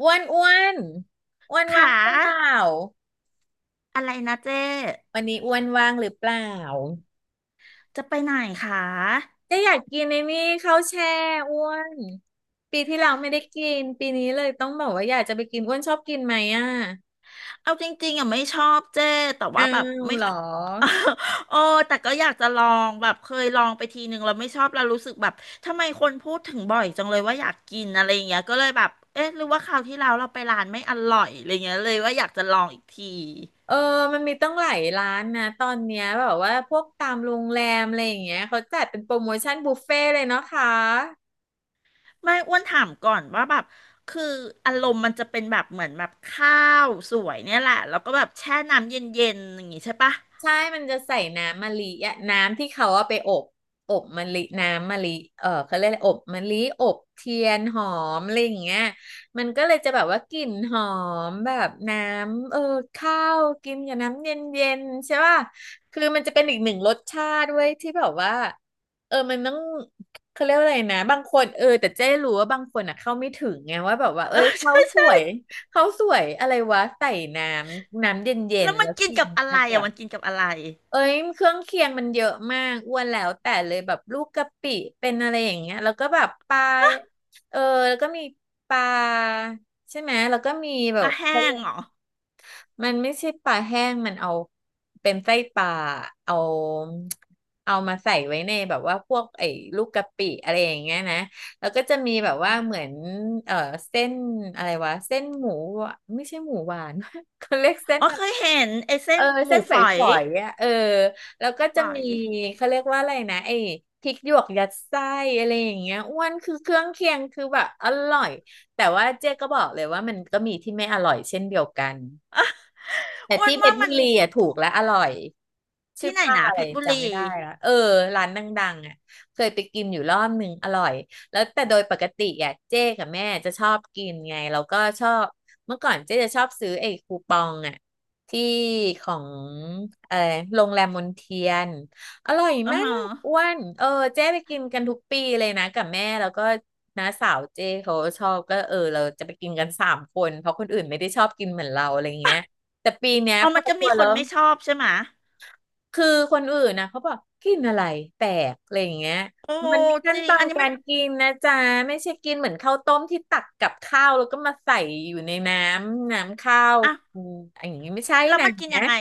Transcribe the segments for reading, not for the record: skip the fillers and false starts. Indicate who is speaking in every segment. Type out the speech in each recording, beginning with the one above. Speaker 1: อ้วนอ้วนว่าง
Speaker 2: ขา
Speaker 1: หรือเปล่า
Speaker 2: อะไรนะเจ๊
Speaker 1: วันนี้อ้วนว่างหรือเปล่า
Speaker 2: จะไปไหนคะ
Speaker 1: ก็อยากกินในนี่ข้าวแช่อ้วนปีที่แล้วไม่ได้กินปีนี้เลยต้องบอกว่าอยากจะไปกินอ้วนชอบกินไหมอ่ะ
Speaker 2: เอาจริงๆอ่ะไม่ชอบเจ๊แต่
Speaker 1: อ้า
Speaker 2: ว่าแบบ
Speaker 1: ว
Speaker 2: ไม่
Speaker 1: เหรอ
Speaker 2: โอ้ แต่ก็อยากจะลอง แบบเคยลองไปทีนึงแล้วไม่ชอบแล้วรู้สึกแบบทำไมคนพูดถึงบ่อยจังเลยว่าอยากกินอะไรอย่างเงี้ยก็เลยแบบเอ๊ะหรือว่าคราวที่แล้วเราไปร้านไม่อร่อยอะไรเงี้ยเลยว่าอยากจะลองอีกที
Speaker 1: เออมันมีตั้งหลายร้านนะตอนเนี้ยแบบว่าพวกตามโรงแรมอะไรอย่างเงี้ยเขาจัดเป็นโปรโมชั่นบุฟเฟ่ต์เลยเนาะคะ
Speaker 2: ไม่อ้วนถามก่อนว่าแบบคืออารมณ์มันจะเป็นแบบเหมือนแบบข้าวสวยเนี่ยแหละแล้วก็แบบแช่น้ำเย็นๆอย่างงี้ใช่ปะ
Speaker 1: ใช่มันจะใส่น้ำมะลิอะน้ำที่เขาเอาไปอบอบมะลิน้ำมะลิเออเขาเรียกอะไรอบมะลิอบเทียนหอมอะไรอย่างเงี้ยมันก็เลยจะแบบว่ากลิ่นหอมแบบน้ำเออข้าวกินกับน้ำเย็นๆใช่ป่ะคือมันจะเป็นอีกหนึ่งรสชาติด้วยที่แบบว่าเออมันต้องเขาเรียกว่าอะไรนะบางคนเออแต่เจ๊รู้ว่าบางคนอ่ะเข้าไม่ถึงไงว่าแบบว่าเอ้
Speaker 2: เออ
Speaker 1: ย เขาสว
Speaker 2: ใช่
Speaker 1: ยเขาสวยอะไรวะใส่น้น้ำเย็น
Speaker 2: แล้ว
Speaker 1: ๆ
Speaker 2: มั
Speaker 1: แล้
Speaker 2: น
Speaker 1: ว
Speaker 2: กิน
Speaker 1: กิน
Speaker 2: กับอะไร
Speaker 1: อากา
Speaker 2: อ่ะ
Speaker 1: ศ
Speaker 2: มันกินกับอะไร
Speaker 1: เอ้ยเครื่องเคียงมันเยอะมากอ้วนแล้วแต่เลยแบบลูกกะปิเป็นอะไรอย่างเงี้ยแล้วก็แบบปลาเออแล้วก็มีปลาใช่ไหมแล้วก็มีแบ
Speaker 2: ปลา
Speaker 1: บ
Speaker 2: แห้งเหรอ
Speaker 1: มันไม่ใช่ปลาแห้งมันเอาเป็นไส้ปลาเอาเอามาใส่ไว้ในแบบว่าพวกไอ้ลูกกะปิอะไรอย่างเงี้ยนะแล้วก็จะมีแบบว่าเหมือนเออเส้นอะไรวะเส้นหมูหวานไม่ใช่หมูหวาน เขาเรียกเส้น
Speaker 2: อ๋อ
Speaker 1: อะ
Speaker 2: เค
Speaker 1: ไร
Speaker 2: ยเห็นไอ้
Speaker 1: เอ
Speaker 2: เส้น
Speaker 1: อ
Speaker 2: ห
Speaker 1: เส้
Speaker 2: มู
Speaker 1: นฝ
Speaker 2: ฝอย
Speaker 1: อยๆอ่ะเออแล้วก็
Speaker 2: ฝ
Speaker 1: จะ
Speaker 2: อ
Speaker 1: มี
Speaker 2: ย
Speaker 1: เขาเรียกว่าอะไรนะไอ้พริกหยวกยัดไส้อะไรอย่างเงี้ยอ้วนคือเครื่องเคียงคือแบบอร่อยแต่ว่าเจ๊ก็บอกเลยว่ามันก็มีที่ไม่อร่อยเช่นเดียวกัน แต่
Speaker 2: อ้ว
Speaker 1: ที่
Speaker 2: น
Speaker 1: เพ
Speaker 2: ว่า
Speaker 1: ชรบุ
Speaker 2: มัน
Speaker 1: รีอ่ะถูกและอร่อย ชื่
Speaker 2: ที่
Speaker 1: อ
Speaker 2: ไหน
Speaker 1: ป้า
Speaker 2: นะ
Speaker 1: อะ
Speaker 2: เพ
Speaker 1: ไร
Speaker 2: ชรบุรี
Speaker 1: จำไม่ได้ละเออร้านดังๆอ่ะเคยไปกินอยู่รอบหนึ่งอร่อยแล้วแต่โดยปกติอ่ะเจ๊กับแม่จะชอบกินไงแล้วก็ชอบเมื่อก่อนเจ๊จะชอบซื้อไอ้คูปองอ่ะที่ของเออโรงแรมมนเทียนอร่อย
Speaker 2: อ่า
Speaker 1: มากอ้
Speaker 2: ฮะ
Speaker 1: วนเออเจ๊ไปกินกันทุกปีเลยนะกับแม่แล้วก็น้าสาวเจ๊เขาชอบก็เออเราจะไปกินกันสามคนเพราะคนอื่นไม่ได้ชอบกินเหมือนเราอะไรเงี้ยแต่ปีเนี้ย
Speaker 2: อ๋อ
Speaker 1: พอ
Speaker 2: มันจะ
Speaker 1: ช
Speaker 2: มี
Speaker 1: วน
Speaker 2: ค
Speaker 1: แล้
Speaker 2: น
Speaker 1: ว
Speaker 2: ไม่ชอบใช่ไหมะ
Speaker 1: คือคนอื่นนะเขาบอกกินอะไรแปลกอะไรอย่างเงี้ย
Speaker 2: โอ้
Speaker 1: มันมีขั้
Speaker 2: จ
Speaker 1: น
Speaker 2: ริ
Speaker 1: ต
Speaker 2: ง
Speaker 1: อ
Speaker 2: อั
Speaker 1: น
Speaker 2: นนี้
Speaker 1: กา
Speaker 2: มัน
Speaker 1: รกินนะจ๊ะไม่ใช่กินเหมือนข้าวต้มที่ตักกับข้าวแล้วก็มาใส่อยู่ในน้ำข้าว
Speaker 2: อ่ะ
Speaker 1: อืมอย่างนี้ไม่ใช่
Speaker 2: แล้ว
Speaker 1: นะ
Speaker 2: มันกินยังไง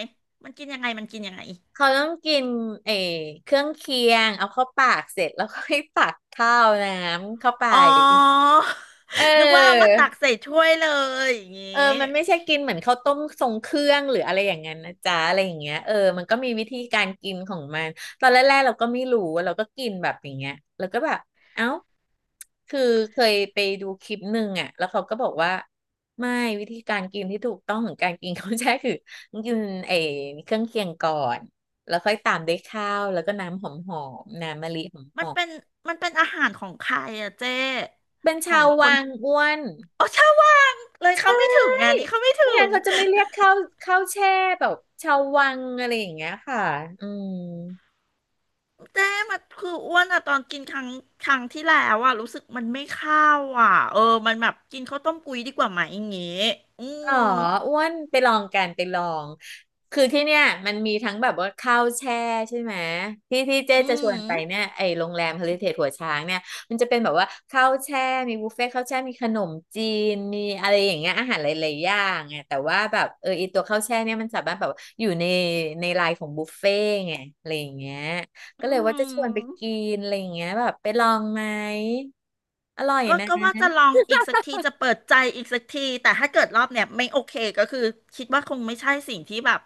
Speaker 2: มันกินยังไงมันกินยังไง
Speaker 1: เขาต้องกินเออเครื่องเคียงเอาเข้าปากเสร็จแล้วก็ให้ตักข้าวน้ำเข้าไป
Speaker 2: อ๋อ
Speaker 1: เอ
Speaker 2: นึกว่าเอามาตัก
Speaker 1: อ
Speaker 2: ใส่ถ้วยเลยอย่างง
Speaker 1: เออ
Speaker 2: ี้
Speaker 1: มันไม่ใช่กินเหมือนข้าวต้มทรงเครื่องหรืออะไรอย่างนั้นนะจ๊ะอะไรอย่างเงี้ยเออมันก็มีวิธีการกินของมัน ตอนแรกๆเราก็ไม่รู้เราก็กินแบบอย่างเงี้ยแล้วก็แบบเอ้าคือเคยไปดูคลิปหนึ่งอ่ะแล้วเขาก็บอกว่าไม่วิธีการกินที่ถูกต้องของการกินเขาวแช่คือกินไอ้เครื่องเคียงก่อน แล้วค่อยตามด้วยข้าวแล้วก็น้ำหอมๆน้ำมะลิห
Speaker 2: มั
Speaker 1: อ
Speaker 2: น
Speaker 1: ม
Speaker 2: เป็นมันเป็นอาหารของใครอะเจ๊
Speaker 1: ๆเป็น
Speaker 2: ขอ
Speaker 1: ชา
Speaker 2: ง
Speaker 1: ว
Speaker 2: ค
Speaker 1: วั
Speaker 2: น
Speaker 1: งอ้วน
Speaker 2: อ๋อชาวบ้าดเลยเขาไม่ถึงงานนี้เขาไม่ถึ
Speaker 1: ไม่งั้น
Speaker 2: ง
Speaker 1: เขาจะไม่เรียกข้าวแช่แบบชาววังอะไรอย่างเงี้ยค่ะอืม
Speaker 2: เจ๊มันคืออ้วนอะตอนกินครั้งที่แล้วอะรู้สึกมันไม่เข้าอะเออมันแบบกินข้าวต้มกุยดีกว่าไหมอย่างงี้อื
Speaker 1: อ๋อ
Speaker 2: ม
Speaker 1: อ้วนไปลองกันไปลองคือที่เนี่ยมันมีทั้งแบบว่าข้าวแช่ใช่ไหมที่ที่เจ๊
Speaker 2: อื
Speaker 1: จะชว
Speaker 2: ม
Speaker 1: นไปเนี่ยไอ้โรงแรมเฮลริเทจหัวช้างเนี่ยมันจะเป็นแบบว่าข้าวแช่มีบุฟเฟ่ต์ข้าวแช่มีขนมจีนมีอะไรอย่างเงี้ยอาหารหลายๆอย่างไงแต่ว่าแบบเออไอีตัวข้าวแช่เนี่ยมันสามารถแบบอยู่ในในไลน์ของบุฟเฟ่ต์ไงอะไรอย่างเงี้ย
Speaker 2: อื
Speaker 1: ก็เลยว่าจะชวนไป
Speaker 2: ม
Speaker 1: กินอะไรอย่างเงี้ยแบบไปลองไหมอร่อย
Speaker 2: ก็
Speaker 1: นะ
Speaker 2: ก็ว่าจะลองอีกสักทีจะเปิดใจอีกสักทีแต่ถ้าเกิดรอบเนี้ยไม่โอเคก็คือคิดว่าคงไม่ใช่สิ่งที่แบบ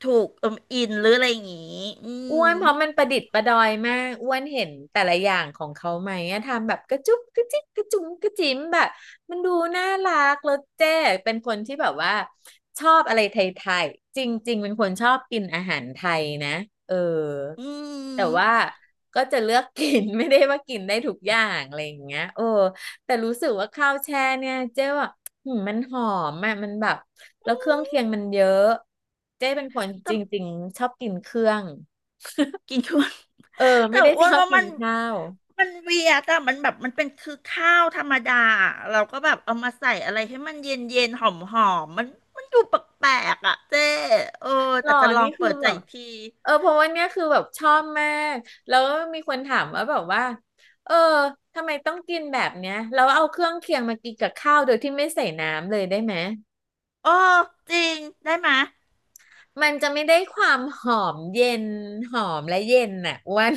Speaker 2: ถูกเอิมอินหรืออะไรอย่างงี้อื
Speaker 1: อ้
Speaker 2: ม
Speaker 1: วนเพราะมันประดิษฐ์ประดอยมากอ้วนเห็นแต่ละอย่างของเขาไหมอะทำแบบกระจุกกระจิกกระจุงกระจิ๋มแบบมันดูน่ารักแล้วเจ๊เป็นคนที่แบบว่าชอบอะไรไทยๆจริงๆเป็นคนชอบกินอาหารไทยนะเออ
Speaker 2: อื
Speaker 1: แต่ว่า
Speaker 2: ม
Speaker 1: ก็จะเลือกกิน ไม่ได้ว่ากินได้ทุกอย่างอะไรอย่างเงี้ยโอ้แต่รู้สึกว่าข้าวแช่เนี่ยเจ๊ว่าหืมมันหอมอะมันแบบแล้วเครื่องเคียงมันเยอะเจ๊เป็นคน
Speaker 2: แต่
Speaker 1: จริงๆชอบกินเครื่อง
Speaker 2: กินทุน
Speaker 1: เออ
Speaker 2: แต่
Speaker 1: ไม่ได้
Speaker 2: อ้
Speaker 1: ช
Speaker 2: วน
Speaker 1: อบ
Speaker 2: ว่า
Speaker 1: กิ
Speaker 2: มั
Speaker 1: น
Speaker 2: น
Speaker 1: ข้าว
Speaker 2: เวียแต่มันแบบมันเป็นคือข้าวธรรมดาเราก็แบบเอามาใส่อะไรให้มันเย็นเย็นหอมหอมๆมันดูแปลกๆอ่ะเจเออ
Speaker 1: หร
Speaker 2: แต่
Speaker 1: อ
Speaker 2: จะลอ
Speaker 1: นี่
Speaker 2: ง
Speaker 1: คื
Speaker 2: เปิ
Speaker 1: อ
Speaker 2: ดใจ
Speaker 1: แบบ
Speaker 2: อีกที
Speaker 1: เพราะว่าเนี่ยคือแบบชอบมากแล้วมีคนถามว่าแบบว่าเออทำไมต้องกินแบบเนี้ยเราเอาเครื่องเคียงมากินกับข้าวโดยที่ไม่ใส่น้ำเลยได้ไหม
Speaker 2: โอ้จริงได้ไหมย
Speaker 1: มันจะไม่ได้ความหอมเย็นหอมและเย็นน่ะอ้วน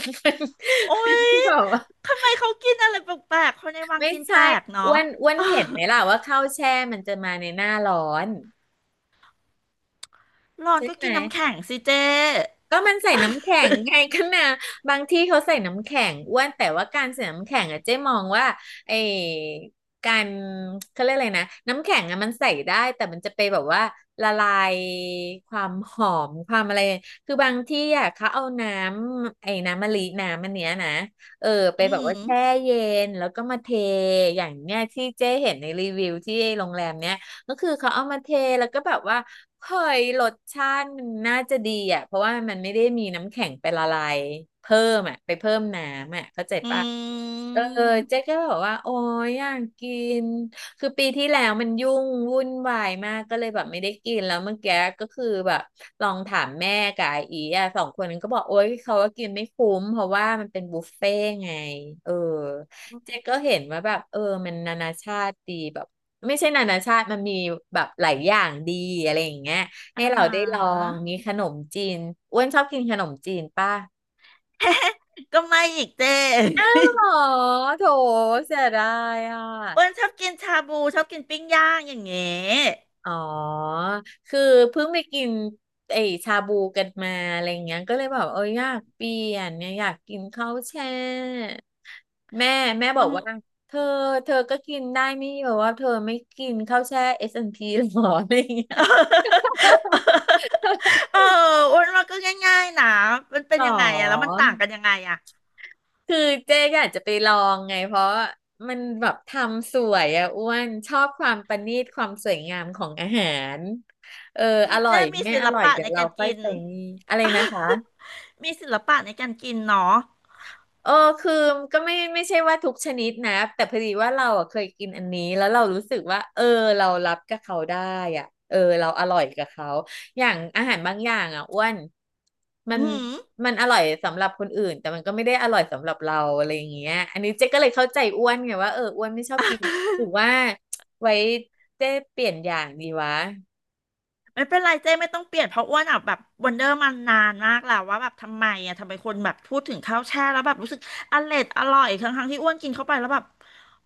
Speaker 2: โอ้ย
Speaker 1: แบอกว่า
Speaker 2: ทำไมเขากินอะไรแปลกๆคนในวัง
Speaker 1: ไม่
Speaker 2: กิน
Speaker 1: ใช่
Speaker 2: แปลก
Speaker 1: อ้
Speaker 2: เนาะ
Speaker 1: วนอ้วนเห็นไหมล่ะว่าข้าวแช่มันจะมาในหน้าร้อน
Speaker 2: ร้อน
Speaker 1: ใช่
Speaker 2: ก็
Speaker 1: ไหม
Speaker 2: กินน้ำแข็งสิเจ้
Speaker 1: ก็มันใส่น้ำแข็งไงกันนะบางที่เขาใส่น้ำแข็งอ้วนแต่ว่าการใส่น้ำแข็งอะเจ๊มองว่าไอ้การเขาเรียกอะไรนะน้ำแข็งอะมันใส่ได้แต่มันจะไปแบบว่าละลายความหอมความอะไรคือบางที่อะเขาเอาน้ำไอ้น้ำมะลิน้ำมันเนี้ยนะเออไป
Speaker 2: อื
Speaker 1: แบบว่า
Speaker 2: ม
Speaker 1: แช่เย็นแล้วก็มาเทอย่างเนี้ยที่เจ๊เห็นในรีวิวที่โรงแรมเนี้ย ก็คือเขาเอามาเทแล้วก็แบบว่าเฮ้ยรสชาติมันน่าจะดีอ่ะเพราะว่ามันไม่ได้มีน้ำแข็งไปละลายเพิ่มอ่ะไปเพิ่มน้ำอ่ะเข้าใจ
Speaker 2: อื
Speaker 1: ปะ เอ
Speaker 2: ม
Speaker 1: อเจ๊ก็บอกว่าโอ้ยอยากกินคือปีที่แล้วมันยุ่งวุ่นวายมากก็เลยแบบไม่ได้กินแล้วเมื่อกี้ก็คือแบบลองถามแม่กับอาอีอ่ะสองคนนั้นก็บอกโอ้ยเขาว่ากินไม่คุ้มเพราะว่ามันเป็นบุฟเฟ่ต์ไงเออเจ๊ก็เห็นว่าแบบเออมันนานาชาติดีแบบไม่ใช่นานาชาติมันมีแบบหลายอย่างดีอะไรอย่างเงี้ยให้
Speaker 2: อา
Speaker 1: เรา
Speaker 2: หา
Speaker 1: ได้ลองมี
Speaker 2: ร
Speaker 1: ขนมจีนอ้วนชอบกินขนมจีนป่ะ
Speaker 2: ก็ไม่อีกเจ
Speaker 1: อ๋อโถเสียดายอ่ะ
Speaker 2: อ้วนชอบกินชาบูชอบกินปิ้งย่างอย่างเงี้ย
Speaker 1: อ๋อ คือเพิ่งไปกินไอชาบูกันมาอะไรอย่างเงี้ยก็เลยแบบเอออยากเปลี่ยนเนี่ยอยากกินข้าวแช่แม่แม่บอ
Speaker 2: ต้อ
Speaker 1: ก
Speaker 2: ง
Speaker 1: ว่าเธอเธอก็กินได้ไม่แบบว่าเธอไม่กินข้าวแช่ S&P หรออะไรอย่างเงี้ย
Speaker 2: เอออ้วนว่าก็ง่ายๆนะมัน เป็
Speaker 1: ห
Speaker 2: น
Speaker 1: รอ
Speaker 2: ยังไงอะแล้วมันต่างกันยังไงอะ
Speaker 1: คือเจ๊อยากจะไปลองไงเพราะมันแบบทำสวยอะอ้วนชอบความประณีตความสวยงามของอาหารเออ
Speaker 2: คื
Speaker 1: อ
Speaker 2: อ
Speaker 1: ร่อ
Speaker 2: เจ้
Speaker 1: ย
Speaker 2: มี
Speaker 1: ไม่
Speaker 2: ศิ
Speaker 1: อ
Speaker 2: ล
Speaker 1: ร่อย
Speaker 2: ปะ
Speaker 1: เดี๋ย
Speaker 2: ใน
Speaker 1: วเรา
Speaker 2: การ
Speaker 1: ค่อย
Speaker 2: กิน
Speaker 1: ไปนี่อะไรนะคะ
Speaker 2: มีศิลปะในการกินเนาะ
Speaker 1: เออคือก็ไม่ใช่ว่าทุกชนิดนะแต่พอดีว่าเราอ่ะเคยกินอันนี้แล้วเรารู้สึกว่าเออเรารับกับเขาได้อ่ะเออเราอร่อยกับเขาอย่างอาหารบางอย่างอ่ะอ้วนมั
Speaker 2: อื
Speaker 1: น
Speaker 2: ม
Speaker 1: มันอร่อยสำหรับคนอื่นแต่มันก็ไม่ได้อร่อยสำหรับเราอะไรอย่างเงี้ยอันนี้เจ๊ก็เลยเข้าใจอ้วนไงว่าเอออ้วนไม่ชอบกินหรือว่าไว้เจ๊เปลี่ยนอย่างดีวะ
Speaker 2: ไม่เป็นไรเจ้ไม่ต้องเปลี่ยนเพราะอ้วนอ่ะแบบวันเดอร์มันนานมากแล้วว่าแบบทำไมอ่ะทำไมคนแบบพูดถึงข้าวแช่แล้วแบบรู้สึกอร่อยอร่อยทั้งที่อ้วนกินเข้าไปแล้วแบบ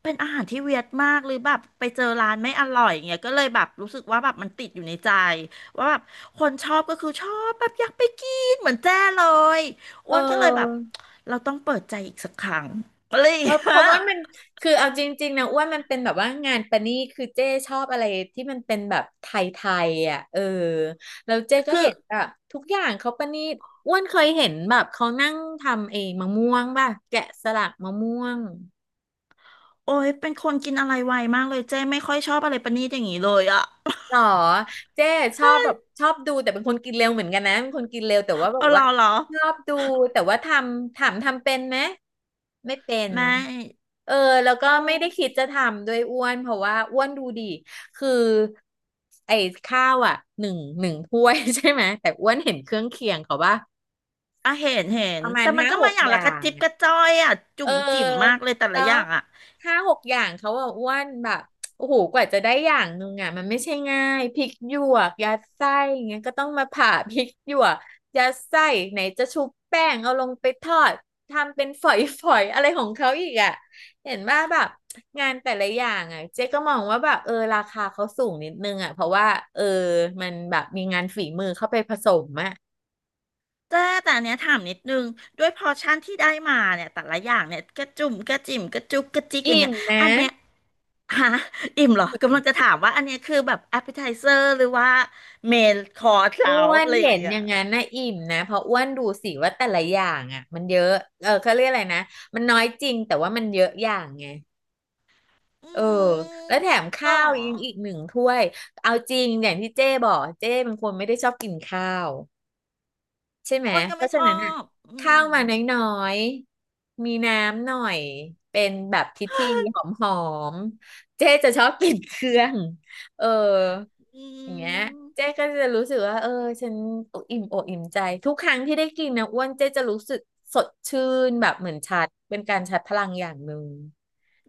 Speaker 2: เป็นอาหารที่เวียดมากหรือแบบไปเจอร้านไม่อร่อยางเงี้ยก็เลยแบบรู้สึกว่าแบบมันติดอยู่ในใจว่าแบบคนชอบก็คือชอบแบบอยากไปกินเหมือนแจ้เลย
Speaker 1: เอ
Speaker 2: อ้วนก็เลยแบบ
Speaker 1: อ
Speaker 2: เราต้องเปิดใจอีกสักครั้งอะไรอย่าง
Speaker 1: เพ
Speaker 2: เงี้ย
Speaker 1: ราะว่ามันคือเอาจริงๆนะอ้วนมันเป็นแบบว่างานประณีตคือเจ้ชอบอะไรที่มันเป็นแบบไทยๆอ่ะเออแล้วเจ้ก็
Speaker 2: คือ
Speaker 1: เห็นแบบทุกอย่างเขาประณีตอ้วนเคยเห็นแบบเขานั่งทำเองมะม่วงป่ะแกะสลักมะม่วง
Speaker 2: โอ้ยเป็นคนกินอะไรไวมากเลยเจ้ไม่ค่อยชอบอะไรประณีตอย่างนี้เลยอะ
Speaker 1: หรอเจ๊ชอบแบบชอบดูแต่เป็นคนกินเร็วเหมือนกันนะเป็นคนกินเร็วแต่ว่า แบ
Speaker 2: เออ
Speaker 1: บ
Speaker 2: เหร
Speaker 1: ว่า
Speaker 2: อเหรอ
Speaker 1: ชอบดูแต่ว่าทำถามทำเป็นไหมไม่เป็น
Speaker 2: ไม่
Speaker 1: เออแล้วก็
Speaker 2: โอ้
Speaker 1: ไม่ได้คิดจะทำด้วยอ้วนเพราะว่าอ้วนดูดีคือไอ้ข้าวอ่ะหนึ่งถ้วย ใช่ไหมแต่อ้วนเห็นเครื่องเคียงเขาว่า
Speaker 2: อ่ะเห็นเห็
Speaker 1: ป
Speaker 2: น
Speaker 1: ระมา
Speaker 2: แต่
Speaker 1: ณ
Speaker 2: มัน
Speaker 1: ห้า
Speaker 2: ก็
Speaker 1: ห
Speaker 2: มา
Speaker 1: ก
Speaker 2: อย่าง
Speaker 1: อ
Speaker 2: ละ
Speaker 1: ย่า
Speaker 2: กระ
Speaker 1: ง
Speaker 2: จิบกระจ้อยอ่ะ
Speaker 1: เ
Speaker 2: จุ่มจิ๋มมาก
Speaker 1: ออ
Speaker 2: เลยแต่
Speaker 1: แล้
Speaker 2: ละอ
Speaker 1: ว
Speaker 2: ย่างอ่ะ
Speaker 1: ห้าหกอย่างเขาอะอ้วนแบบโอ้โหกว่าจะได้อย่างนึงอะมันไม่ใช่ง่ายพริกหยวกยัดไส้อย่างเงี้ยก็ต้องมาผ่าพริกหยวกยัดไส้ไหนจะชุบแป้งเอาลงไปทอดทำเป็นฝอยๆอะไรของเขาอีกอะเห็นว่าแบบงานแต่ละอย่างอะเจ๊ก็มองว่าแบบเออราคาเขาสูงนิดนึงอะเพราะว่าเออมันแบบมีงานฝีมือเข้าไปผสมอะ
Speaker 2: แต่แต่อันเนี้ยถามนิดนึงด้วยพอร์ชั่นที่ได้มาเนี่ยแต่ละอย่างเนี่ยกระจุ่มกระจิ๋มกระจุกกระจิกอย่าง
Speaker 1: อิ่ม
Speaker 2: เงี้ย
Speaker 1: นะ
Speaker 2: อันเนี้ยฮะอิ่มเหรอกำลังจะถามว่าอันเนี้ยคือแบบ a p p e t i z e r หรือว่าเมนคอร์สแล้
Speaker 1: อ้
Speaker 2: ว
Speaker 1: วน
Speaker 2: อะไรอย่า
Speaker 1: เห็
Speaker 2: ง
Speaker 1: น
Speaker 2: เงี้
Speaker 1: อ
Speaker 2: ย
Speaker 1: ย่างนั้นนะอิ่มนะเพราะอ้วนดูสิว่าแต่ละอย่างอ่ะมันเยอะเออเขาเรียกอะไรนะมันน้อยจริงแต่ว่ามันเยอะอย่างไง
Speaker 2: อื
Speaker 1: เออ
Speaker 2: ม
Speaker 1: แล้วแถม
Speaker 2: หรอ
Speaker 1: ข้าวยังอีกหนึ่งถ้วยเอาจริงอย่างที่เจ้บอกเจ้เป็นคนไม่ได้ชอบกินข้าว ใช่ไหม
Speaker 2: อ้วนก็
Speaker 1: เพ
Speaker 2: ไม่
Speaker 1: ราะ
Speaker 2: ช
Speaker 1: ฉะ
Speaker 2: อ
Speaker 1: นั้นอ่ะ
Speaker 2: บอื
Speaker 1: ข้า
Speaker 2: ม
Speaker 1: วมาน้อยๆมีน้ำหน่อย เป็นแบบพิธีหอมๆ เจ๊จะชอบกินเครื่องเออ
Speaker 2: อื
Speaker 1: อย่างเงี้ยเจ๊
Speaker 2: ม
Speaker 1: ก็จะรู้สึกว่าเออฉันออิ่มอกอิ่มใจทุกครั้งที่ได้กินนะอ้วนเจ๊จะรู้สึกสดชื่นแบบเหมือนชาร์จเป็นการชาร์จพลังอย่างหนึ่ง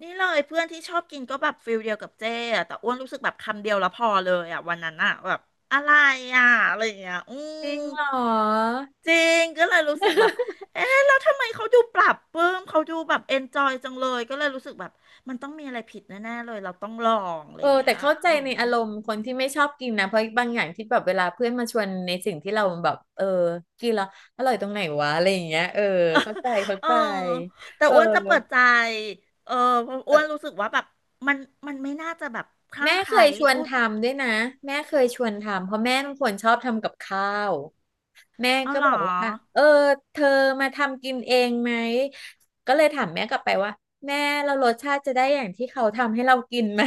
Speaker 2: นี่เลยเพื่อนที่ชอบกินก็แบบฟิลเดียวกับเจ๊อะแต่อ้วนรู้สึกแบบคำเดียวแล้วพอเลยอะวันนั้นอะแบบอะไรอะอะไรอย่างเงี้ยอื
Speaker 1: จริ
Speaker 2: ม
Speaker 1: งเหรอ
Speaker 2: จริงก็เลยรู้สึกแบบเอ๊ะแล้วทำไมเขาดูปรับปรื้มเขาดูแบบเอนจอยจังเลยก็เลยรู้สึกแบบมันต้องมีอะไรผิดแน่ๆเลยเราต้องลองอะไร
Speaker 1: เออ
Speaker 2: อย่าง
Speaker 1: แต่
Speaker 2: เงี้ย
Speaker 1: เข้าใจ
Speaker 2: อื
Speaker 1: ใน
Speaker 2: ม
Speaker 1: อารมณ์คนที่ไม่ชอบกินนะเพราะบางอย่างที่แบบเวลาเพื่อนมาชวนในสิ่งที่เราแบบเออกินแล้วอร่อยตรงไหนวะอะไรอย่างเงี้ยเข้าใจเข้า
Speaker 2: เออ
Speaker 1: ใจ
Speaker 2: แต่
Speaker 1: เออ
Speaker 2: อ้วนจะเปิดใจเออเพราะ
Speaker 1: เอ
Speaker 2: อ้ว
Speaker 1: อ
Speaker 2: นรู้สึกว่าแบบมันไม่น่าจะแบบคลั่
Speaker 1: แม่
Speaker 2: งไค
Speaker 1: เค
Speaker 2: ล้
Speaker 1: ยชวน
Speaker 2: อุ๊ย
Speaker 1: ทำด้วยนะแม่เคยชวนทำเพราะแม่เป็นคนชอบทำกับข้าวแม่
Speaker 2: เอา
Speaker 1: ก็
Speaker 2: เหร
Speaker 1: บ
Speaker 2: อ
Speaker 1: อกว่าเออเธอมาทำกินเองไหมก็เลยถามแม่กลับไปว่าแม่เรารสชาติจะได้อย่างที่เขาทำให้เรากินไหม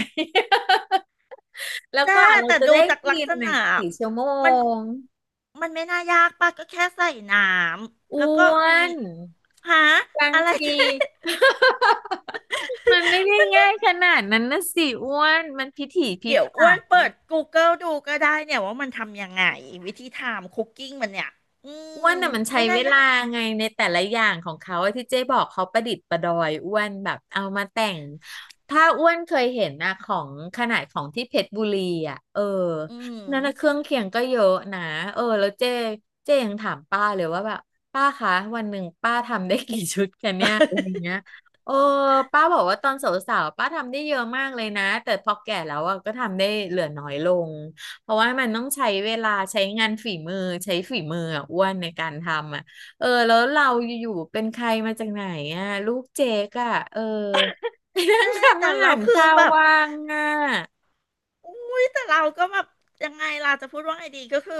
Speaker 1: แล้ว
Speaker 2: แจ้
Speaker 1: กว่าเรา
Speaker 2: แต่
Speaker 1: จะ
Speaker 2: ดู
Speaker 1: ได้
Speaker 2: จาก
Speaker 1: กิ
Speaker 2: ลัก
Speaker 1: น
Speaker 2: ษ
Speaker 1: น่ะ
Speaker 2: ณะ
Speaker 1: กี่ชั่วโม
Speaker 2: มัน
Speaker 1: ง
Speaker 2: ไม่น่ายากป่ะก็แค่ใส่น้ำแล้ว
Speaker 1: อ้
Speaker 2: ก็
Speaker 1: ว
Speaker 2: มี
Speaker 1: น
Speaker 2: หา
Speaker 1: บาง
Speaker 2: อะไร
Speaker 1: ที มันไม่ได้ง่ายขนาดนั้นนะสิอ้วนมันพิถีพิ
Speaker 2: เดี๋ยว
Speaker 1: ถั
Speaker 2: อ้วน
Speaker 1: น
Speaker 2: เปิด Google ดูก็ได้เนี่ยว่ามันทำยังไงวิธีทำคุกกิ้งมันเนี่ยอื
Speaker 1: อ้
Speaker 2: ม
Speaker 1: วนน่ะมันใช้
Speaker 2: ไม่
Speaker 1: เว
Speaker 2: น่ายา
Speaker 1: ลา
Speaker 2: ก
Speaker 1: ไงในแต่ละอย่างของเขาอะที่เจ๊บอกเขาประดิษฐ์ประดอยอ้วนแบบเอามาแต่งถ้าอ้วนเคยเห็นนะของขนาดของที่เพชรบุรีอ่ะเออ
Speaker 2: อืม
Speaker 1: นั่นนะเครื่องเคียงก็เยอะนะเออแล้วเจ๊เจ๊ยังถามป้าเลยว่าแบบป้าคะวันหนึ่งป้าทำได้กี่ชุดกันเนี่ยอะไรอย่างเงี้ ยโอ้ป้าบอกว่าตอนสาวๆป้าทำได้เยอะมากเลยนะแต่พอแก่แล้วอะก็ทำได้เหลือน้อยลง เพราะว่ามันต้องใช้เวลาใช้งานฝีมือใช้ฝีมืออ่ะอ้วนในการทำอ่ะเออแล้วเราอยู่ๆเป็นใครมาจากไหนอ่ะลูกเจ๊กอ่ะเออไปนั่ง
Speaker 2: เจ๊แต่
Speaker 1: ทำอาหา
Speaker 2: เรา
Speaker 1: ร
Speaker 2: คือ
Speaker 1: เช้าว
Speaker 2: แบบ
Speaker 1: ว่างอ่ะ
Speaker 2: อุ้ยแต่เราก็แบบยังไงล่ะจะพูดว่าไงดีก็คือ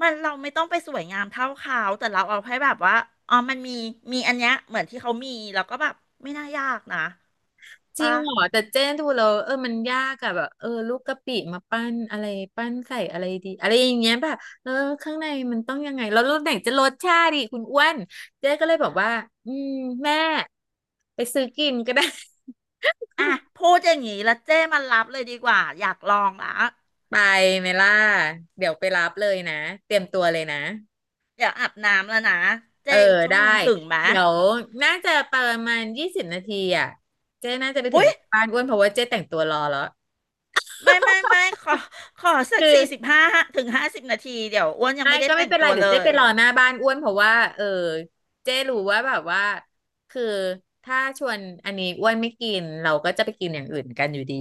Speaker 2: มันเราไม่ต้องไปสวยงามเท่าเขาแต่เราเอาให้แบบว่าอ๋อมันมีมีอันเนี้ยเหมือนที่เขามีแล้วก็แบบไม่น่ายากนะ
Speaker 1: จริง
Speaker 2: ปะ
Speaker 1: เหรอแต่เจนดูแล้วเออมันยากอ่ะแบบเออลูกกะปิมาปั้นอะไรปั้นใส่อะไรดีอะไรอย่างเงี้ยแบบเออข้างในมันต้องยังไงแล้วรสไหนจะรสชาติกคุณอ้วนเจ๊ก็เลยบอกว่าอืมแม่ไปซื้อกินก็ได้
Speaker 2: อ่ะพูดอย่างนี้แล้วเจ้มันรับเลยดีกว่าอยากลองละ
Speaker 1: ไปเมล่าเดี๋ยวไปรับเลยนะเตรียมตัวเลยนะ
Speaker 2: อยากอาบน้ำแล้วนะ
Speaker 1: เอ
Speaker 2: เจ้
Speaker 1: อ
Speaker 2: อีกชั่ว
Speaker 1: ได้
Speaker 2: โมงถึงไหม
Speaker 1: เดี๋ยวน่าจะประมาณ20นาทีอ่ะเจ๊น่าจะไปถึ
Speaker 2: อุ้
Speaker 1: ง
Speaker 2: ย
Speaker 1: บ้านอ้วนเพราะว่าเจ๊แต่งตัวรอแล้ว
Speaker 2: ไม่ไม่ไม่ขอขอสั
Speaker 1: คื
Speaker 2: ก
Speaker 1: อ
Speaker 2: 45 ถึง 50 นาทีเดี๋ยวอ้วนยัง
Speaker 1: ไอ้
Speaker 2: ไม่ได้
Speaker 1: ก็ไม่
Speaker 2: แต่ง
Speaker 1: เป็นไร
Speaker 2: ตัว
Speaker 1: เดี๋ย
Speaker 2: เล
Speaker 1: วเจ๊ไป
Speaker 2: ย
Speaker 1: รอหน้าบ้านอ้วนเพราะว่าเออเจ๊รู้ว่าแบบว่าคือถ้าชวนอันนี้อ้วนไม่กินเราก็จะไปกินอย่างอื่นกันอยู่ดี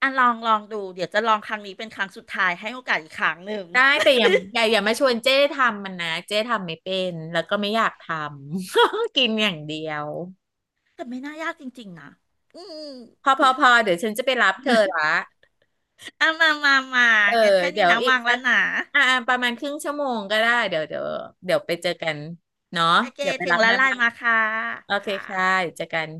Speaker 2: อ่ะลองลองดูเดี๋ยวจะลองครั้งนี้เป็นครั้งสุดท้ายให้โอกาสอีกครั้งหนึ่ง
Speaker 1: ได้แต่อย่าอย่าอย่ามาชวนเจ๊ทำมันนะเจ๊ทำไม่เป็นแล้วก็ไม่อยากทำ กินอย่างเดียว
Speaker 2: แต่ไม่น่ายากจริงๆนะอืม
Speaker 1: พอพอพอเดี๋ยวฉันจะไปรับเธอละ
Speaker 2: อ่ะมา มา มา
Speaker 1: เออ
Speaker 2: งั้นแค่
Speaker 1: เดี๋
Speaker 2: นี้
Speaker 1: ยว
Speaker 2: นะ
Speaker 1: อีก
Speaker 2: วางแล้
Speaker 1: สั
Speaker 2: ว
Speaker 1: ก
Speaker 2: นะ
Speaker 1: อ่าประมาณครึ่งชั่วโมงก็ได้เดี๋ยวเดี๋ยวเดี๋ยวไปเจอกันเนาะ
Speaker 2: โอเค
Speaker 1: เดี๋ยวไป
Speaker 2: ถึ
Speaker 1: รั
Speaker 2: ง
Speaker 1: บห
Speaker 2: แล้ว
Speaker 1: น้า
Speaker 2: ไล
Speaker 1: บ้า
Speaker 2: น์
Speaker 1: น
Speaker 2: มาค่ะ
Speaker 1: โอเค
Speaker 2: ค่ะ
Speaker 1: ค่ะเดี๋ยวเจอกัน